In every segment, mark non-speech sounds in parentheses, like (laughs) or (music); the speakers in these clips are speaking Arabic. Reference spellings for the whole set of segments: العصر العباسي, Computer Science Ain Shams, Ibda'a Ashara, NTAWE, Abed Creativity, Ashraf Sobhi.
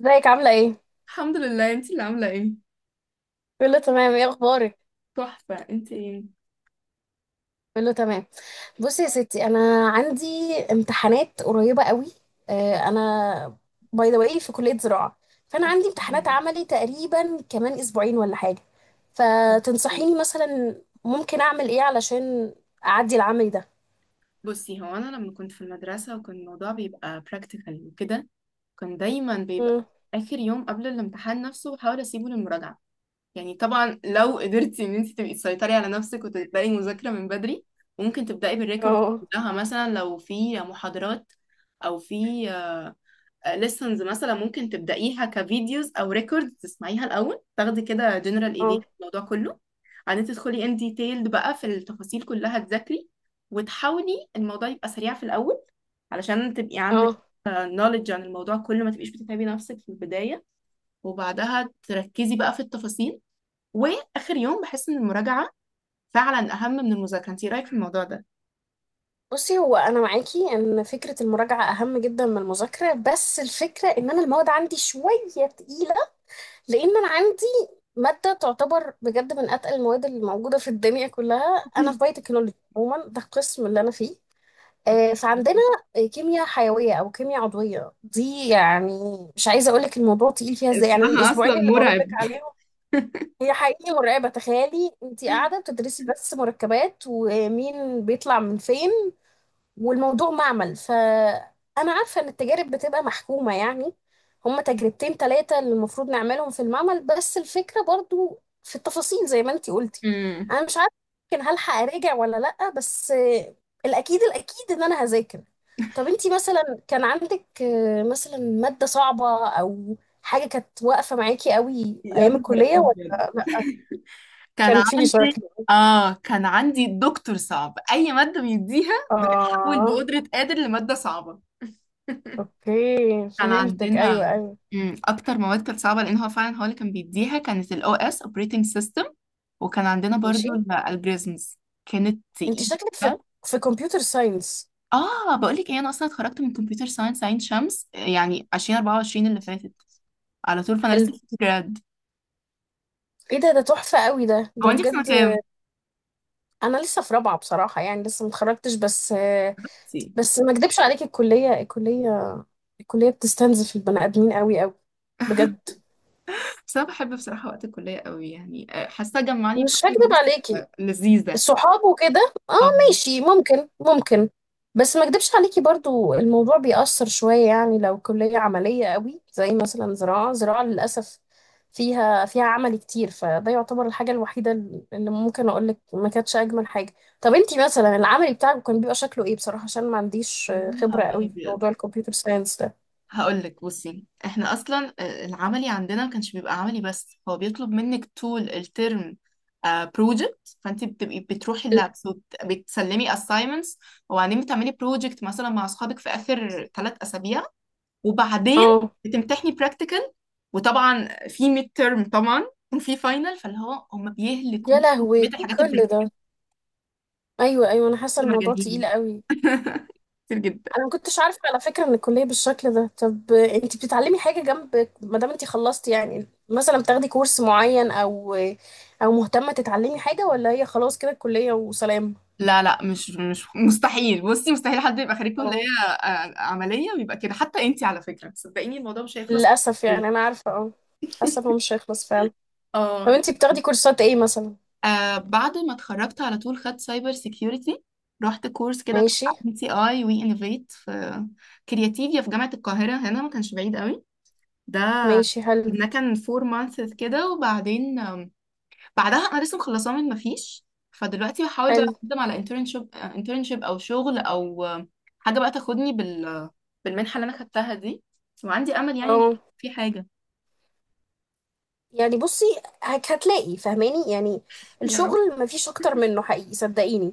ازيك عاملة ايه؟ الحمد لله. انتي اللي عاملة ايه؟ بقول له تمام، ايه اخبارك؟ تحفة. انتي ايه؟ بقول له تمام. بصي يا ستي انا عندي امتحانات قريبة قوي. انا باي ذا واي في كلية زراعة، فانا عندي امتحانات أوكي. عملي تقريبا كمان اسبوعين ولا حاجة. فتنصحيني مثلا ممكن اعمل ايه علشان اعدي العملي ده؟ بصي، هو انا لما كنت في المدرسة وكان الموضوع بيبقى practical وكده كان دايما بيبقى مم. اخر يوم قبل الامتحان نفسه بحاول اسيبه للمراجعة. يعني طبعا لو قدرتي ان انتي تبقي تسيطري على نفسك وتبدأي مذاكرة من بدري، وممكن تبدأي بالريكورد اه. كلها مثلا لو في محاضرات او في ليسنز، مثلا ممكن تبدأيها كفيديوز أو ريكورد تسمعيها الأول، تاخدي كده جنرال إيديا اه. في الموضوع كله. بعدين تدخلي ان ديتيلد بقى في التفاصيل كلها تذاكري، وتحاولي الموضوع يبقى سريع في الأول علشان تبقي عندك اه. نوليدج عن الموضوع كله، ما تبقيش بتتعبي نفسك في البداية وبعدها تركزي بقى في التفاصيل. وآخر يوم بحس إن المراجعة فعلا أهم من المذاكرة. انتي إيه رأيك في الموضوع ده؟ بصي هو انا معاكي ان فكرة المراجعة اهم جدا من المذاكرة، بس الفكرة ان انا المواد عندي شوية تقيلة. لان انا عندي ماده تعتبر بجد من اتقل المواد اللي موجوده في الدنيا كلها. انا في (laughs) بايوتكنولوجي عموما، ده القسم اللي انا فيه. فعندنا كيمياء حيويه او كيمياء عضويه، دي يعني مش عايزه اقول لك الموضوع تقيل فيها ازاي، يعني اسمها اصلا الاسبوعين اللي بقول لك مرعب. عليهم. هي حقيقي مرعبه، تخيلي انت قاعده بتدرسي بس مركبات ومين بيطلع من فين. والموضوع معمل، فأنا عارفة إن التجارب بتبقى محكومة يعني. هما تجربتين تلاتة اللي المفروض نعملهم في المعمل، بس الفكرة برضو في التفاصيل زي ما انتي قلتي. امم أنا مش عارفة يمكن هلحق أراجع ولا لأ، بس الأكيد إن أنا هذاكر. طب انتي مثلا كان عندك مثلا مادة صعبة أو حاجة كانت واقفة معاكي قوي يا أيام نهار الكلية ابيض. ولا لأ؟ كان كان في عندي شكل. اه كان عندي دكتور صعب، اي ماده بيديها بتتحول آه، بقدره قادر لماده صعبه. أوكي كان فهمتك، عندنا أيوه أيوه. اكتر مواد كانت صعبه، لان هو فعلا هو اللي كان بيديها، كانت الاو اس اوبريتنج سيستم. وكان عندنا ماشي. برضو الالجوريزمز، كانت انت تقيله. شكلك في كمبيوتر ساينس. اه بقول لك ايه، انا اصلا اتخرجت من كمبيوتر ساينس عين شمس يعني 2024 اللي فاتت. على طول فانا حلو. لسه في جراد. ايه ده؟ ده تحفة قوي، ده هو ده انت في سنه بجد. كام؟ انا لسه في رابعة بصراحة، يعني لسه متخرجتش بس. بصي. بس ما اكدبش عليك، الكلية، الكلية بتستنزف البني ادمين قوي قوي، بجد. بس أنا بحب بصراحة وقت الكلية قوي، يعني حاسة جمعني مش بأكتر هكدب ناس عليكي، لذيذة. صحابه كده، اه. أو ماشي، ممكن. بس ما اكدبش عليكي، برضو الموضوع بيأثر شوية يعني، لو كلية عملية قوي زي مثلا زراعة. زراعة للأسف فيها عمل كتير، فده يعتبر الحاجة الوحيدة اللي ممكن أقولك ما كانتش أجمل حاجة. طب انتي مثلا العمل بتاعك كان بيبقى شكله ايه بصراحة؟ عشان ما عنديش يا نهار خبرة قوي في أبيض. موضوع الكمبيوتر ساينس ده. هقول لك بصي، احنا اصلا العملي عندنا ما كانش بيبقى عملي، بس هو بيطلب منك طول الترم بروجكت، فانت بتبقي بتروحي اللابس وبتسلمي assignments، وبعدين بتعملي بروجكت مثلا مع اصحابك في اخر 3 اسابيع. وبعدين اه. بتمتحني practical، وطبعا في ميد ترم طبعا، وفي فاينل، فاللي هو هم بيهلكوا يا لهوي، كمية الحاجات. كل ده؟ ايوه ايوه، انا حاسه الموضوع تقيل مجانين. قوي. (laughs) كتير جدا. انا ما كنتش عارفه على فكره ان الكليه بالشكل ده. طب انت بتتعلمي حاجه جنب ما دام انت خلصتي؟ يعني مثلا بتاخدي كورس معين، او او مهتمه تتعلمي حاجه، ولا هي خلاص كده الكليه وسلام؟ لا، لا، مش مستحيل. بصي، مستحيل حد يبقى خريج كلية اه، عملية ويبقى كده. حتى انتي على فكرة، صدقيني الموضوع مش هيخلص. للاسف يعني انا عارفه. اه، للاسف هو مش هيخلص فعلا. طب اه. انت بتاخدي كورسات ايه مثلا؟ بعد ما اتخرجت على طول خدت سايبر سيكيورتي. رحت كورس كده تبع ماشي. ان تي اي وي انوفيت في كرياتيفيا في جامعة القاهرة، هنا ما كانش بعيد قوي. ده ماشي حلو. ده كان فور مانثس كده. وبعدين بعدها انا لسه مخلصاه، من مفيش. فدلوقتي بحاول بقى حلو. اقدم على انترنشيب او شغل او حاجه بقى تاخدني بالمنحه اللي انا خدتها دي. وعندي امل يعني ان اه. في حاجه. يعني بصي، هتلاقي فاهماني يعني، يا رب. الشغل مفيش اكتر منه حقيقي صدقيني.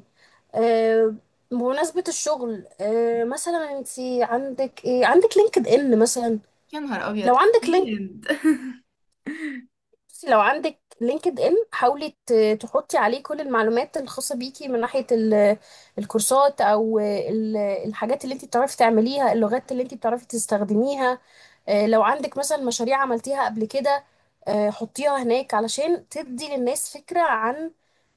آه، بمناسبة الشغل، مثلا انت عندك ايه؟ عندك لينكد ان مثلا؟ يا نهار ابيض. لو عندك. اكيد. (laughs) بصي لو عندك لينكد ان، حاولي تحطي عليه كل المعلومات الخاصة بيكي من ناحية الكورسات، او الحاجات اللي انت بتعرفي تعمليها، اللغات اللي انت بتعرفي تستخدميها. لو عندك مثلا مشاريع عملتيها قبل كده، حطيها هناك علشان تدي للناس فكرة عن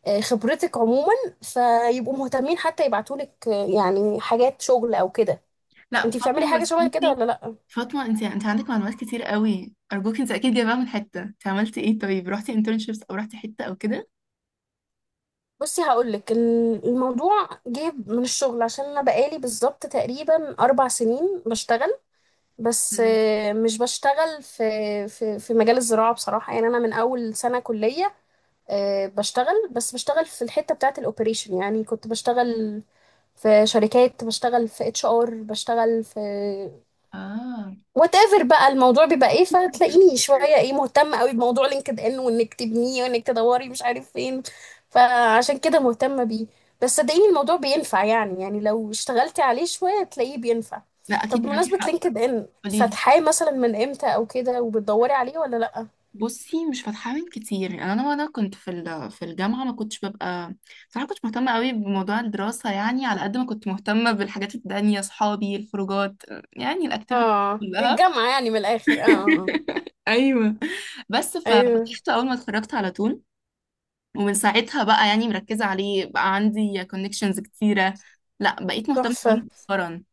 خبرتك عموما، فيبقوا مهتمين حتى يبعتولك يعني حاجات شغل او كده. لا، انت بتعملي حاجة شبه كده ولا لا؟ فاطمه، انت عندك معلومات كتير قوي، ارجوك. انت اكيد جايباها من حته، انت عملتي ايه؟ طيب، رحتي انترنشيبس او رحتي حته او كده؟ بصي هقولك، الموضوع جه من الشغل، عشان انا بقالي بالظبط تقريبا اربع سنين بشتغل. بس مم. مش بشتغل في في مجال الزراعة بصراحة، يعني انا من اول سنة كلية بشتغل، بس بشتغل في الحتة بتاعة الاوبريشن. يعني كنت بشتغل في شركات، بشتغل في اتش ار، بشتغل في اه. وات ايفر بقى الموضوع بيبقى ايه. فتلاقيني شويه ايه مهتمه قوي بموضوع لينكد ان، وانك تبنيه، وانك تدوري مش عارف فين. فعشان كده مهتمه بيه. بس صدقيني الموضوع بينفع يعني، يعني لو اشتغلتي عليه شويه تلاقيه بينفع. لا، طب اكيد معاكي بمناسبه حق. لينكد ان، قوليلي. فاتحاه مثلا من امتى او كده وبتدوري عليه ولا لا؟ بصي، مش فاتحة كتير. يعني وانا كنت في الجامعه، ما كنتش ببقى صراحه. كنت مهتمه قوي بموضوع الدراسه، يعني على قد ما كنت مهتمه بالحاجات التانية، صحابي، الخروجات، يعني الاكتيفيتي اه كلها. الجامعه يعني من الاخر، اه اه. (laughs) ايوه. بس ايوه ففتحته اول ما اتخرجت على طول. ومن ساعتها بقى يعني مركزه عليه، بقى عندي كونكشنز كتيره. لا، بقيت مهتمه بيه تحفه. مؤخرا.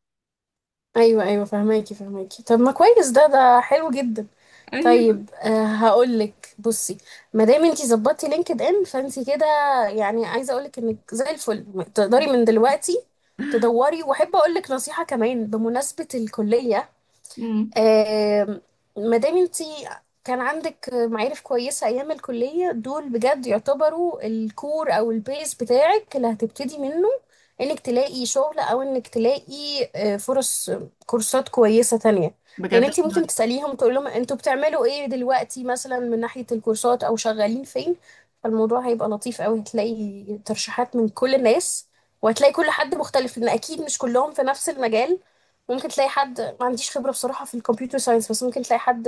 ايوه ايوه، فهماكي فهماكي. طب ما كويس، ده ده حلو جدا. ايوه. طيب هقولك، بصي ما دام انتي ظبطتي لينكد ان فانتي كده، يعني عايزه اقولك انك زي الفل تقدري من دلوقتي تدوري. واحب اقولك نصيحه كمان بمناسبه الكليه. امم. آم، ما دام انتي كان عندك معارف كويسة أيام الكلية، دول بجد يعتبروا الكور أو البيز بتاعك اللي هتبتدي منه إنك تلاقي شغل أو إنك تلاقي فرص كورسات كويسة تانية. لأن بجد. انتي ممكن تسأليهم تقول لهم انتوا بتعملوا ايه دلوقتي مثلا من ناحية الكورسات أو شغالين فين. فالموضوع هيبقى لطيف أوي، هتلاقي ترشيحات من كل الناس، وهتلاقي كل حد مختلف لأن أكيد مش كلهم في نفس المجال. ممكن تلاقي حد ما عنديش خبرة بصراحة في الكمبيوتر ساينس، بس ممكن تلاقي حد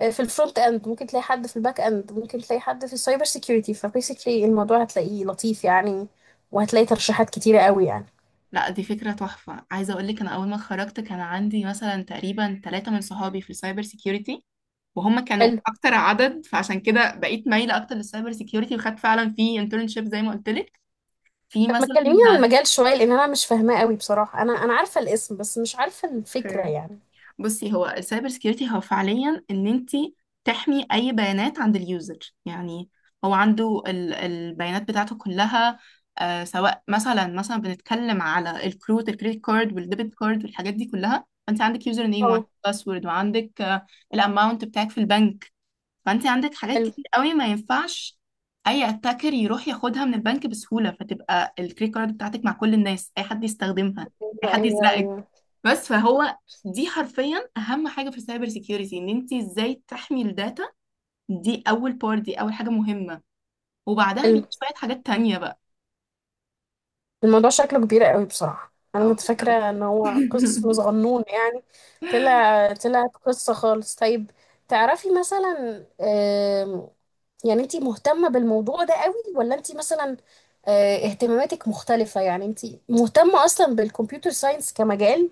في الفرونت اند، ممكن تلاقي حد في الباك اند، ممكن تلاقي حد في السايبر سيكيورتي. فبيسكلي الموضوع هتلاقيه لطيف يعني، وهتلاقي ترشيحات كتيرة قوي يعني. لا، دي فكرة تحفة. عايزة اقول لك، انا اول ما اتخرجت كان عندي مثلا تقريبا ثلاثة من صحابي في السايبر سيكيورتي، وهم كانوا حلو. اكتر عدد، فعشان كده بقيت مايلة اكتر للسايبر سيكيورتي، وخدت فعلا في انترنشيب زي ما قلت لك، في طب ما مثلا. تكلميني عن المجال شوية، لأن أنا مش فاهماه قوي بصراحة. أنا عارفة الاسم بس مش عارفة الفكرة يعني. بصي، هو السايبر سكيورتي هو فعليا ان انت تحمي اي بيانات عند اليوزر. يعني هو عنده البيانات بتاعته كلها، آه، سواء مثلا بنتكلم على الكروت، الكريدت كارد والديبت كارد والحاجات دي كلها. فانت عندك يوزر نيم، وعندك اه. باسورد، وعندك الاماونت بتاعك في البنك. فانت عندك حاجات حلو. كتير قوي ما ينفعش اي اتاكر يروح ياخدها من البنك بسهوله، فتبقى الكريدت كارد بتاعتك مع كل الناس، اي حد يستخدمها، اي أيوه حد أيوه يسرقك. أيوه. بس فهو، دي حرفيا اهم حاجه في السايبر سيكيورتي، ان انت ازاي تحمي الداتا. دي اول بار، دي اول حاجه مهمه. وبعدها حلو. بيجي شويه حاجات تانية بقى. الموضوع شكله كبير قوي بصراحة، انا كنت فاكرة (laughs) ان هو قسم صغنون يعني. طلع قصة خالص. طيب تعرفي مثلا، يعني انتي مهتمة بالموضوع ده قوي، ولا انتي مثلا اهتماماتك مختلفة؟ يعني انتي مهتمة اصلا بالكمبيوتر ساينس كمجال،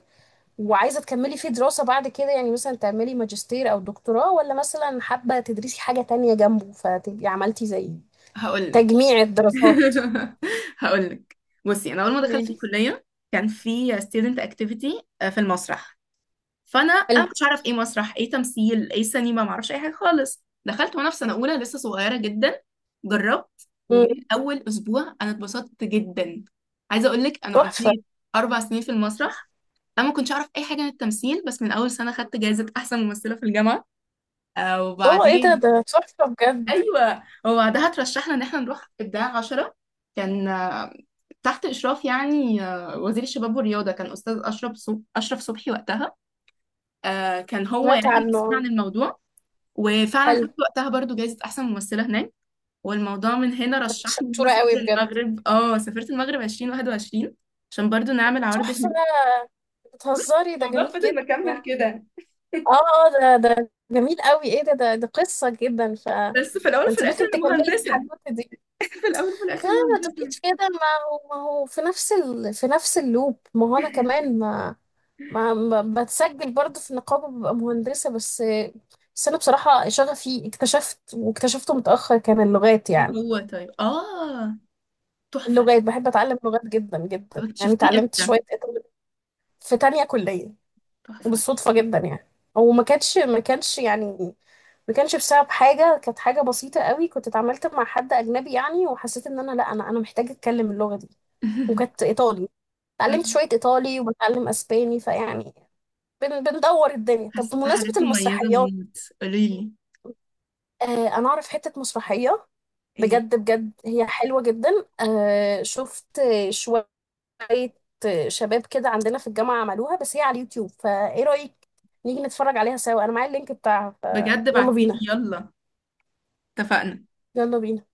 وعايزة تكملي فيه دراسة بعد كده، يعني مثلا تعملي ماجستير او دكتوراه، ولا مثلا حابة تدرسي حاجة تانية جنبه فتبقي عملتي زي هقول لك تجميع الدراسات؟ هقول لك (laughs) (laughs) بصي، انا اول ما دخلت قوليلي. الكليه كان في student activity، في المسرح. فانا حلو. مش عارف ايه مسرح ايه تمثيل ايه سينما، ما اعرفش اي حاجه خالص. دخلت وانا في سنه اولى لسه صغيره جدا. جربت، مم، ومن اول اسبوع انا اتبسطت جدا. عايزه اقول لك انا تحفة. قضيت 4 سنين في المسرح. انا ما كنتش اعرف اي حاجه عن التمثيل، بس من اول سنه خدت جائزه احسن ممثله في الجامعه. الله ايه ده؟ وبعدين. ده تحفة بجد. ايوه، وبعدها ترشحنا ان احنا نروح ابداع عشرة. كان تحت اشراف يعني وزير الشباب والرياضه، كان استاذ اشرف اشرف صبحي وقتها. كان هو سمعت يعني اللي مسؤول عنه. عن الموضوع. وفعلا حلو. خدت وقتها برضو جايزة أحسن ممثلة هناك. والموضوع من هنا رشحني إن أنا شطورة قوي أسافر بجد. المغرب. اه سافرت المغرب 2021 عشان برضو نعمل عرض تحفة. هناك. بس بتهزري؟ ده الموضوع جميل جدا فضل مكمل يعني. كده. اه. اه. ده ده جميل قوي. ايه ده؟ ده ده قصة جدا، ف بس في الأول وفي انت الآخر ممكن أنا تكملي مهندسة. التحدوتة دي. في الأول وفي لا الآخر ما مهندسة. تقوليش كده. ما هو ما هو في نفس ال... في نفس اللوب، ما هو انا كمان بتسجل برضه في النقابة ببقى مهندسة بس. بس انا بصراحة شغفي اكتشفت واكتشفته متأخر، كان اللغات ايه يعني. هو، طيب. اه، تحفة. اللغات بحب اتعلم لغات جدا طب جدا، يعني اكتشفتيه اتعلمت امتى؟ شويه ايطالي في تانية كليه. تحفة. وبالصدفه جدا يعني، هو ما كانش يعني، ما كانش بسبب حاجه، كانت حاجه بسيطه قوي. كنت اتعاملت مع حد اجنبي يعني، وحسيت ان انا، لا انا محتاجه اتكلم اللغه دي. وكانت (laughs) ايطالي، آه، اتعلمت شويه ايطالي وبتعلم اسباني، فيعني بن بندور الدنيا. طب حاسة انها حاجات بمناسبه مميزة المسرحيات، موت. قوليلي آه انا اعرف حته مسرحيه، ايه. بجد بجد هي حلوه جدا. آه شفت شويه شوية شباب كده عندنا في الجامعة عملوها، بس هي على اليوتيوب. فايه رأيك نيجي نتفرج عليها سوا؟ انا معايا اللينك بتاعها. بجد فيلا بعتيلي، بينا. يلا. اتفقنا. يلا بينا.